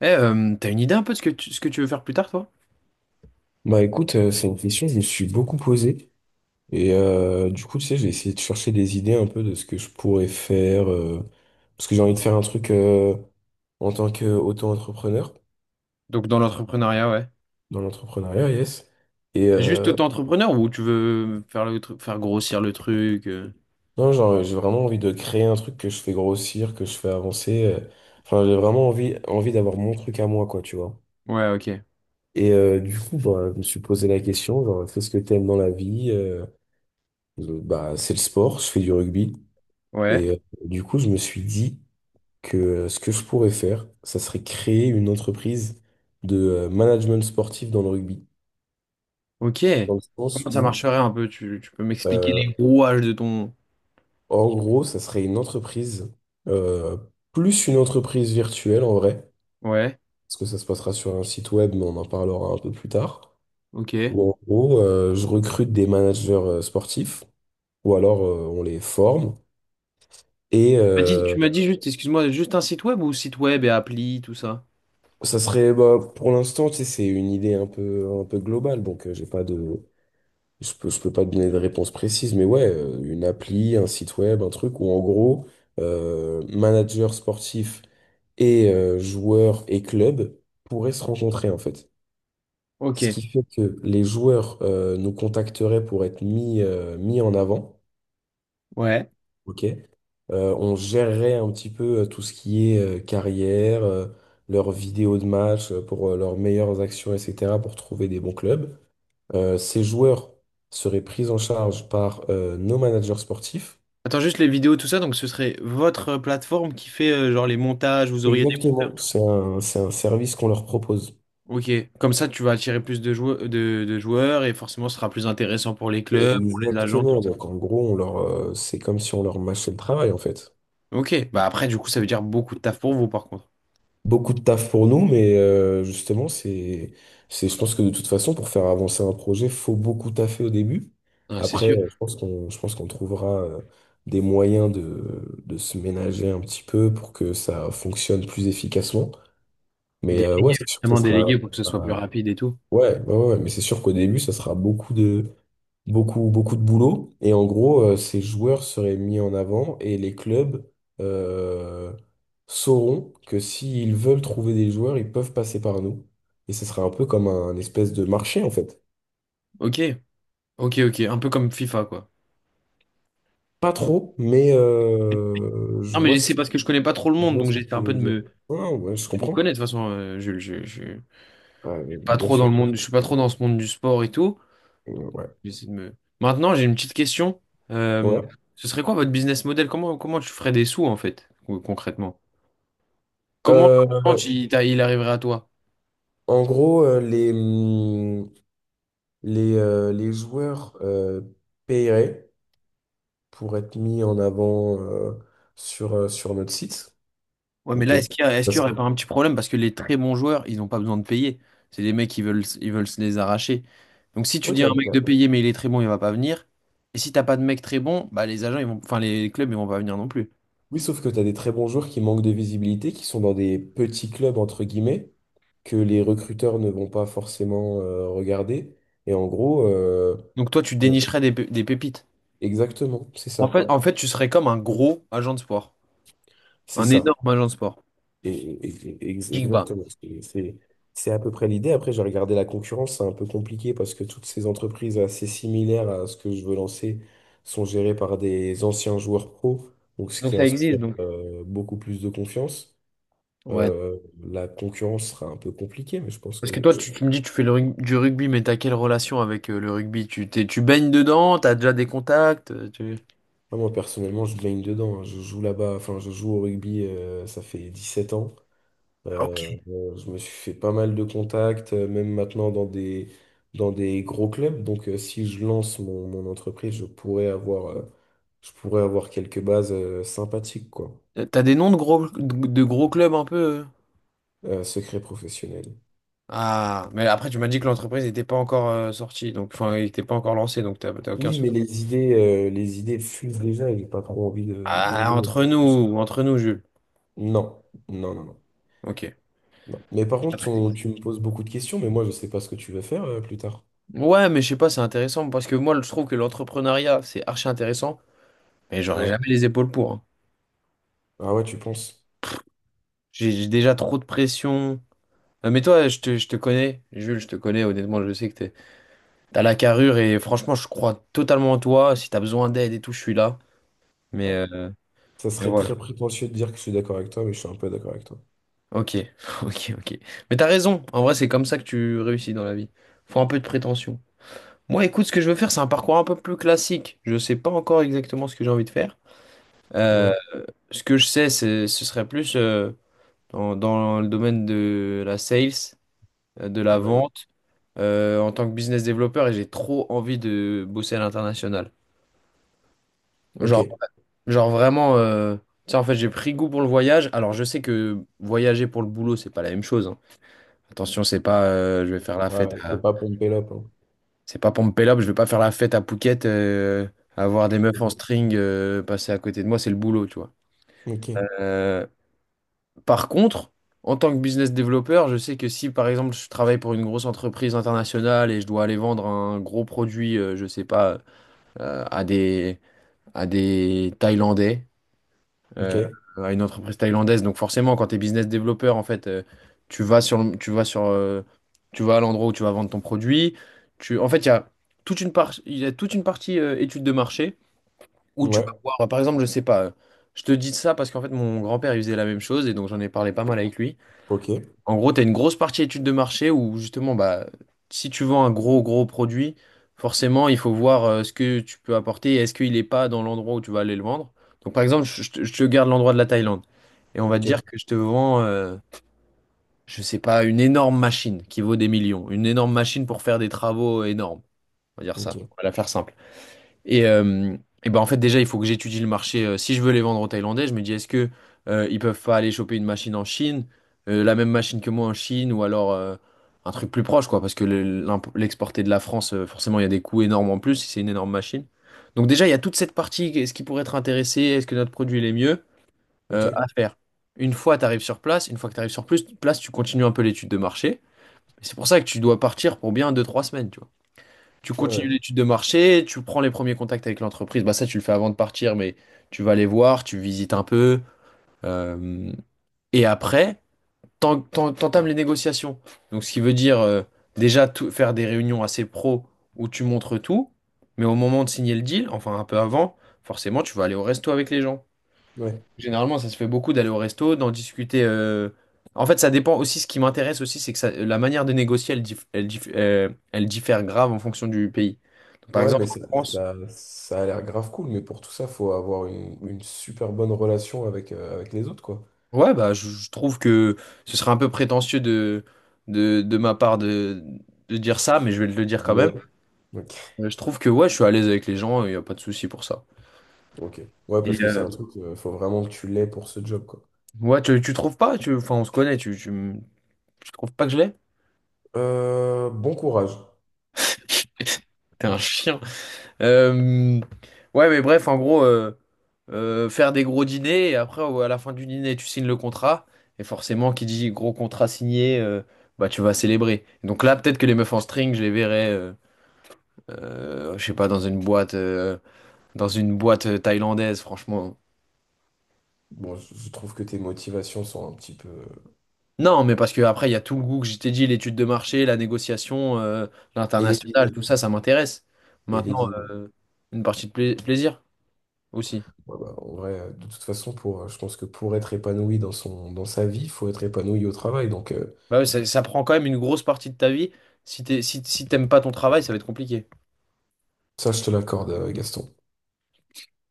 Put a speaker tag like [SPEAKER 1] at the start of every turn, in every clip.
[SPEAKER 1] T'as une idée un peu de ce que tu veux faire plus tard, toi?
[SPEAKER 2] Bah écoute, c'est une question que je me suis beaucoup posée. Du coup, tu sais, j'ai essayé de chercher des idées un peu de ce que je pourrais faire, parce que j'ai envie de faire un truc en tant qu'auto-entrepreneur,
[SPEAKER 1] Donc dans l'entrepreneuriat, ouais.
[SPEAKER 2] dans l'entrepreneuriat, yes. Et
[SPEAKER 1] Juste
[SPEAKER 2] euh,
[SPEAKER 1] auto-entrepreneur ou tu veux faire faire grossir le truc?
[SPEAKER 2] non, genre, j'ai vraiment envie de créer un truc que je fais grossir, que je fais avancer. Enfin, j'ai vraiment envie d'avoir mon truc à moi, quoi, tu vois.
[SPEAKER 1] Ouais, ok.
[SPEAKER 2] Du coup, bah, je me suis posé la question, genre, qu'est-ce que t'aimes dans la vie? Bah, c'est le sport, je fais du rugby.
[SPEAKER 1] Ouais.
[SPEAKER 2] Et euh, du coup, je me suis dit que ce que je pourrais faire, ça serait créer une entreprise de management sportif dans le rugby.
[SPEAKER 1] Ok.
[SPEAKER 2] Dans le sens
[SPEAKER 1] Comment ça
[SPEAKER 2] où,
[SPEAKER 1] marcherait un peu? Tu peux m'expliquer
[SPEAKER 2] euh,
[SPEAKER 1] les rouages de ton...
[SPEAKER 2] en gros, ça serait une entreprise, euh, plus une entreprise virtuelle en vrai,
[SPEAKER 1] Ouais,
[SPEAKER 2] parce que ça se passera sur un site web, mais on en parlera un peu plus tard.
[SPEAKER 1] ok.
[SPEAKER 2] Où
[SPEAKER 1] Tu
[SPEAKER 2] en gros, je recrute des managers sportifs, ou alors on les forme. Et
[SPEAKER 1] m'as dit,
[SPEAKER 2] euh,
[SPEAKER 1] tu m'as dit juste, excuse-moi, juste un site web ou site web et appli, tout ça?
[SPEAKER 2] Ça serait, bah, pour l'instant, tu sais, c'est une idée un peu globale, donc j'ai pas de, je peux, je peux pas te donner de réponse précise, mais ouais, une appli, un site web, un truc où en gros, manager sportif et joueurs et clubs pourraient se rencontrer en fait. Ce
[SPEAKER 1] Ok.
[SPEAKER 2] qui fait que les joueurs nous contacteraient pour être mis, mis en avant,
[SPEAKER 1] Ouais.
[SPEAKER 2] ok? On gérerait un petit peu tout ce qui est carrière, leurs vidéos de match pour leurs meilleures actions, etc., pour trouver des bons clubs. Ces joueurs seraient pris en charge par nos managers sportifs.
[SPEAKER 1] Attends, juste les vidéos, tout ça, donc ce serait votre plateforme qui fait genre les montages, vous auriez des monteurs,
[SPEAKER 2] Exactement.
[SPEAKER 1] tout ça?
[SPEAKER 2] C'est un service qu'on leur propose.
[SPEAKER 1] Ok, comme ça tu vas attirer plus de joueurs, de joueurs, et forcément ce sera plus intéressant pour les clubs, pour les agents, tout
[SPEAKER 2] Exactement.
[SPEAKER 1] ça.
[SPEAKER 2] Donc en gros, on leur, c'est comme si on leur mâchait le travail en fait.
[SPEAKER 1] Ok, bah après du coup ça veut dire beaucoup de taf pour vous par contre.
[SPEAKER 2] Beaucoup de taf pour nous, mais justement, je pense que de toute façon, pour faire avancer un projet, faut beaucoup taffer au début.
[SPEAKER 1] Ouais, c'est
[SPEAKER 2] Après,
[SPEAKER 1] sûr.
[SPEAKER 2] je pense qu'on trouvera des moyens de se ménager un petit peu pour que ça fonctionne plus efficacement. Mais
[SPEAKER 1] Dé-
[SPEAKER 2] ouais, c'est sûr que ça
[SPEAKER 1] Vraiment
[SPEAKER 2] sera,
[SPEAKER 1] délégué pour que ce soit plus
[SPEAKER 2] euh,
[SPEAKER 1] rapide et tout.
[SPEAKER 2] ouais, ouais, ouais, ouais, mais c'est sûr qu'au début, ça sera beaucoup, beaucoup de boulot. Et en gros, ces joueurs seraient mis en avant et les clubs euh, sauront que s'ils veulent trouver des joueurs, ils peuvent passer par nous. Et ce sera un peu comme un, espèce de marché, en fait.
[SPEAKER 1] Ok, ok, ok, un peu comme FIFA quoi.
[SPEAKER 2] Pas trop, mais
[SPEAKER 1] Non mais c'est parce que je connais pas trop le
[SPEAKER 2] je
[SPEAKER 1] monde,
[SPEAKER 2] vois
[SPEAKER 1] donc
[SPEAKER 2] ce que
[SPEAKER 1] j'essaie
[SPEAKER 2] tu
[SPEAKER 1] un
[SPEAKER 2] veux
[SPEAKER 1] peu de
[SPEAKER 2] dire.
[SPEAKER 1] me, de
[SPEAKER 2] Non, ouais, je
[SPEAKER 1] me
[SPEAKER 2] comprends.
[SPEAKER 1] connaître de toute façon. Je
[SPEAKER 2] Ouais,
[SPEAKER 1] suis pas
[SPEAKER 2] bien
[SPEAKER 1] trop dans
[SPEAKER 2] sûr.
[SPEAKER 1] le monde, je suis pas trop
[SPEAKER 2] Comprends.
[SPEAKER 1] dans ce monde du sport et tout. Donc,
[SPEAKER 2] Ouais.
[SPEAKER 1] j'essaie de me. Maintenant j'ai une petite question. Euh,
[SPEAKER 2] Ouais.
[SPEAKER 1] Ce serait quoi votre business model? Comment tu ferais des sous en fait concrètement? Comment comment
[SPEAKER 2] Euh,
[SPEAKER 1] tu- il t'a- il arriverait à toi?
[SPEAKER 2] En gros, les joueurs paieraient pour être mis en avant sur, sur notre site.
[SPEAKER 1] Ouais, mais
[SPEAKER 2] Ok.
[SPEAKER 1] là, est-ce qu'il y
[SPEAKER 2] Parce que-
[SPEAKER 1] aurait pas un petit problème? Parce que les très bons joueurs, ils n'ont pas besoin de payer. C'est des mecs qui veulent, ils veulent se les arracher. Donc si tu
[SPEAKER 2] oui,
[SPEAKER 1] dis à
[SPEAKER 2] t'as-
[SPEAKER 1] un mec
[SPEAKER 2] t'as-
[SPEAKER 1] de payer, mais il est très bon, il va pas venir. Et si t'as pas de mec très bon, bah les agents, ils vont, enfin les clubs, ils vont pas venir non plus.
[SPEAKER 2] Oui, sauf que tu as des très bons joueurs qui manquent de visibilité, qui sont dans des petits clubs, entre guillemets, que les recruteurs ne vont pas forcément regarder. Et en gros,
[SPEAKER 1] Donc toi, tu
[SPEAKER 2] on-
[SPEAKER 1] dénicherais des pépites.
[SPEAKER 2] exactement, c'est
[SPEAKER 1] En
[SPEAKER 2] ça.
[SPEAKER 1] fait, en fait, tu serais comme un gros agent de sport.
[SPEAKER 2] C'est
[SPEAKER 1] Un
[SPEAKER 2] ça.
[SPEAKER 1] énorme agent de sport.
[SPEAKER 2] Et, et-
[SPEAKER 1] Big Bang.
[SPEAKER 2] Exactement. C'est à peu près l'idée. Après, j'ai regardé la concurrence, c'est un peu compliqué parce que toutes ces entreprises assez similaires à ce que je veux lancer sont gérées par des anciens joueurs pro, donc ce
[SPEAKER 1] Donc
[SPEAKER 2] qui
[SPEAKER 1] ça existe,
[SPEAKER 2] inspire
[SPEAKER 1] donc.
[SPEAKER 2] beaucoup plus de confiance.
[SPEAKER 1] Ouais.
[SPEAKER 2] Euh, la concurrence sera un peu compliquée, mais je pense
[SPEAKER 1] Parce que
[SPEAKER 2] que
[SPEAKER 1] toi,
[SPEAKER 2] je-
[SPEAKER 1] tu me dis, tu fais du rugby, mais t'as quelle relation avec le rugby? Tu baignes dedans, t'as déjà des contacts.
[SPEAKER 2] moi, moi, personnellement, je baigne dedans, hein. Je joue au rugby, ça fait 17 ans.
[SPEAKER 1] Ok.
[SPEAKER 2] Je me suis fait pas mal de contacts, même maintenant dans des gros clubs. Donc, si je lance mon entreprise, je pourrais avoir quelques bases, sympathiques, quoi.
[SPEAKER 1] T'as des noms de gros clubs un peu.
[SPEAKER 2] Secret professionnel.
[SPEAKER 1] Ah, mais après, tu m'as dit que l'entreprise n'était pas encore sortie, donc enfin, il n'était pas encore lancé, donc t'as aucun.
[SPEAKER 2] Oui, mais les idées fusent déjà et j'ai pas trop envie de
[SPEAKER 1] Ah,
[SPEAKER 2] griller.
[SPEAKER 1] entre nous, Jules.
[SPEAKER 2] Non, non, non, non,
[SPEAKER 1] Ok.
[SPEAKER 2] non. Mais par
[SPEAKER 1] Pas
[SPEAKER 2] contre,
[SPEAKER 1] très-
[SPEAKER 2] tu me poses beaucoup de questions, mais moi, je sais pas ce que tu veux faire, plus tard.
[SPEAKER 1] Ouais, mais je sais pas, c'est intéressant parce que moi, je trouve que l'entrepreneuriat, c'est archi intéressant, mais j'aurais
[SPEAKER 2] Ouais.
[SPEAKER 1] jamais les épaules pour, hein.
[SPEAKER 2] Ah ouais, tu penses?
[SPEAKER 1] J'ai déjà trop de pression. Mais toi, je te connais, Jules, je te connais, honnêtement, je sais que t'as la carrure, et franchement, je crois totalement en toi. Si t'as besoin d'aide et tout, je suis là. Mais,
[SPEAKER 2] Ouais.
[SPEAKER 1] euh,
[SPEAKER 2] Ça
[SPEAKER 1] mais
[SPEAKER 2] serait
[SPEAKER 1] voilà.
[SPEAKER 2] très prétentieux de dire que je suis d'accord avec toi, mais je suis un peu d'accord avec toi.
[SPEAKER 1] Ok, ok, ok. Mais t'as raison, en vrai c'est comme ça que tu réussis dans la vie. Faut un peu de prétention. Moi écoute, ce que je veux faire c'est un parcours un peu plus classique. Je sais pas encore exactement ce que j'ai envie de faire. Euh,
[SPEAKER 2] Ouais,
[SPEAKER 1] Ce que je sais c'est ce serait plus dans le domaine de la sales, de la
[SPEAKER 2] ouais,
[SPEAKER 1] vente, en tant que business développeur, et j'ai trop envie de bosser à l'international. Genre,
[SPEAKER 2] ok.
[SPEAKER 1] genre, vraiment, tu sais, en fait j'ai pris goût pour le voyage. Alors je sais que voyager pour le boulot c'est pas la même chose, hein. Attention, c'est pas je vais faire la fête
[SPEAKER 2] Ouais,
[SPEAKER 1] à...
[SPEAKER 2] t'es pas pompé là, quoi.
[SPEAKER 1] C'est pas pour me pélo, je vais pas faire la fête à Phuket, avoir des meufs en string passer à côté de moi, c'est le boulot, tu vois.
[SPEAKER 2] Ok,
[SPEAKER 1] Euh, Par contre, en tant que business développeur, je sais que si par exemple je travaille pour une grosse entreprise internationale et je dois aller vendre un gros produit, je sais pas, euh, à des à des Thaïlandais, euh,
[SPEAKER 2] ok,
[SPEAKER 1] à une entreprise thaïlandaise. Donc forcément, quand tu es business développeur, en fait, tu vas sur, le- tu vas sur, tu vas à l'endroit où tu vas vendre ton produit. En fait, il y a il y a toute une partie étude de marché où tu vas
[SPEAKER 2] ouais,
[SPEAKER 1] voir, par exemple, je sais pas. Je te dis ça parce qu'en fait, mon grand-père, il faisait la même chose, et donc j'en ai parlé pas mal avec lui.
[SPEAKER 2] ok,
[SPEAKER 1] En gros, tu as une grosse partie étude de marché où justement, bah, si tu vends un gros, gros produit, forcément, il faut voir ce que tu peux apporter et est-ce qu'il n'est pas dans l'endroit où tu vas aller le vendre. Donc, par exemple, je je te garde l'endroit de la Thaïlande, et on va te
[SPEAKER 2] ok,
[SPEAKER 1] dire que je te vends, je sais pas, une énorme machine qui vaut des millions, une énorme machine pour faire des travaux énormes. On va dire ça,
[SPEAKER 2] ok,
[SPEAKER 1] on va la faire simple. Et, euh, et ben en fait déjà il faut que j'étudie le marché. Si je veux les vendre aux Thaïlandais, je me dis est-ce que ils peuvent pas aller choper une machine en Chine, la même machine que moi en Chine, ou alors un truc plus proche quoi, parce que l'exporter de la France, forcément il y a des coûts énormes en plus si c'est une énorme machine. Donc déjà il y a toute cette partie, est-ce qu'ils pourraient être intéressés, est-ce que notre produit il est mieux
[SPEAKER 2] ok,
[SPEAKER 1] à faire. Une fois tu arrives sur place, une fois que tu arrives sur plus place, tu continues un peu l'étude de marché. Et c'est pour ça que tu dois partir pour bien deux trois semaines, tu vois. Tu
[SPEAKER 2] ouais, ouais,
[SPEAKER 1] continues l'étude de marché, tu prends les premiers contacts avec l'entreprise. Bah ça, tu le fais avant de partir, mais tu vas les voir, tu visites un peu. euh, et après, t'entames les négociations. Donc, ce qui veut dire déjà faire des réunions assez pro où tu montres tout, mais au moment de signer le deal, enfin un peu avant, forcément, tu vas aller au resto avec les gens.
[SPEAKER 2] ouais.
[SPEAKER 1] Généralement, ça se fait beaucoup d'aller au resto, d'en discuter. En fait, ça dépend aussi. Ce qui m'intéresse aussi, c'est que la manière de négocier, elle, elle diffère grave en fonction du pays. Donc, par
[SPEAKER 2] Ouais,
[SPEAKER 1] exemple,
[SPEAKER 2] mais
[SPEAKER 1] en France,
[SPEAKER 2] ça a l'air grave cool, mais pour tout ça, faut avoir une super bonne relation avec, avec les autres, quoi.
[SPEAKER 1] ouais, bah, je trouve que ce serait un peu prétentieux de ma part de dire ça, mais je vais le dire quand même.
[SPEAKER 2] Mais, ok,
[SPEAKER 1] Je trouve que ouais, je suis à l'aise avec les gens, il n'y a pas de souci pour ça.
[SPEAKER 2] ok. Ouais,
[SPEAKER 1] Et
[SPEAKER 2] parce que c'est un
[SPEAKER 1] euh,
[SPEAKER 2] truc, faut vraiment que tu l'aies pour ce job, quoi.
[SPEAKER 1] ouais, tu trouves pas? Enfin, on se connaît, tu trouves pas que je l'ai?
[SPEAKER 2] Bon courage.
[SPEAKER 1] T'es un chien. Euh, ouais, mais bref, en gros, faire des gros dîners, et après, à la fin du dîner, tu signes le contrat, et forcément, qui dit gros contrat signé, bah tu vas célébrer. Donc là, peut-être que les meufs en string, je les verrais, je sais pas, dans une boîte thaïlandaise, franchement.
[SPEAKER 2] Bon, je trouve que tes motivations sont un petit peu...
[SPEAKER 1] Non, mais parce que après, il y a tout le goût que je t'ai dit, l'étude de marché, la négociation,
[SPEAKER 2] Et les
[SPEAKER 1] l'international,
[SPEAKER 2] dîners.
[SPEAKER 1] tout ça, ça m'intéresse.
[SPEAKER 2] Et les
[SPEAKER 1] Maintenant,
[SPEAKER 2] dîners.
[SPEAKER 1] une partie de plaisir aussi.
[SPEAKER 2] Ouais, bah, en vrai, de toute façon, pour, je pense que pour être épanoui dans son, dans sa vie, il faut être épanoui au travail. Donc,
[SPEAKER 1] Bah ouais, ça prend quand même une grosse partie de ta vie. Si t'aimes pas ton travail, ça va être compliqué.
[SPEAKER 2] ça, je te l'accorde, Gaston.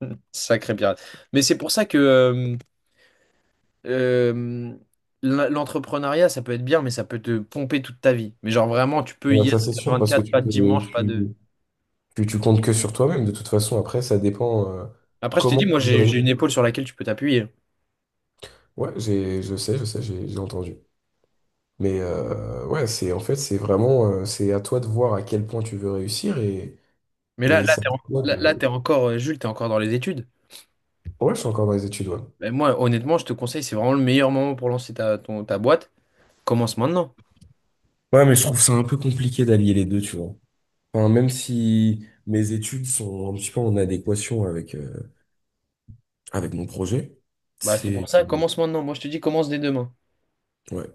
[SPEAKER 1] Sacré pirate. Mais c'est pour ça que euh, l'entrepreneuriat, ça peut être bien, mais ça peut te pomper toute ta vie. Mais genre vraiment, tu peux
[SPEAKER 2] Ouais,
[SPEAKER 1] y être
[SPEAKER 2] ça, c'est sûr, parce que
[SPEAKER 1] 24,
[SPEAKER 2] tu
[SPEAKER 1] pas de
[SPEAKER 2] peux,
[SPEAKER 1] dimanche, pas de...
[SPEAKER 2] tu, tu comptes que sur toi-même. De toute façon, après, ça dépend,
[SPEAKER 1] Après, je t'ai
[SPEAKER 2] comment
[SPEAKER 1] dit,
[SPEAKER 2] tu
[SPEAKER 1] moi,
[SPEAKER 2] veux
[SPEAKER 1] j'ai une
[SPEAKER 2] réussir.
[SPEAKER 1] épaule sur laquelle tu peux t'appuyer.
[SPEAKER 2] Ouais, je sais, j'ai entendu. Mais, ouais, c'est vraiment, c'est à toi de voir à quel point tu veux réussir
[SPEAKER 1] Mais là,
[SPEAKER 2] et
[SPEAKER 1] là,
[SPEAKER 2] c'est à toi de.
[SPEAKER 1] t'es encore, Jules, t'es encore dans les études.
[SPEAKER 2] Ouais, je suis encore dans les études, ouais.
[SPEAKER 1] Mais moi, honnêtement, je te conseille, c'est vraiment le meilleur moment pour lancer ta, ta boîte. Commence maintenant.
[SPEAKER 2] Ouais, mais je trouve ça un peu compliqué d'allier les deux, tu vois. Enfin, même si mes études sont un petit peu en adéquation avec, avec mon projet,
[SPEAKER 1] Bah, c'est pour
[SPEAKER 2] c'est...
[SPEAKER 1] ça, commence maintenant. Moi, je te dis, commence dès demain.
[SPEAKER 2] ouais.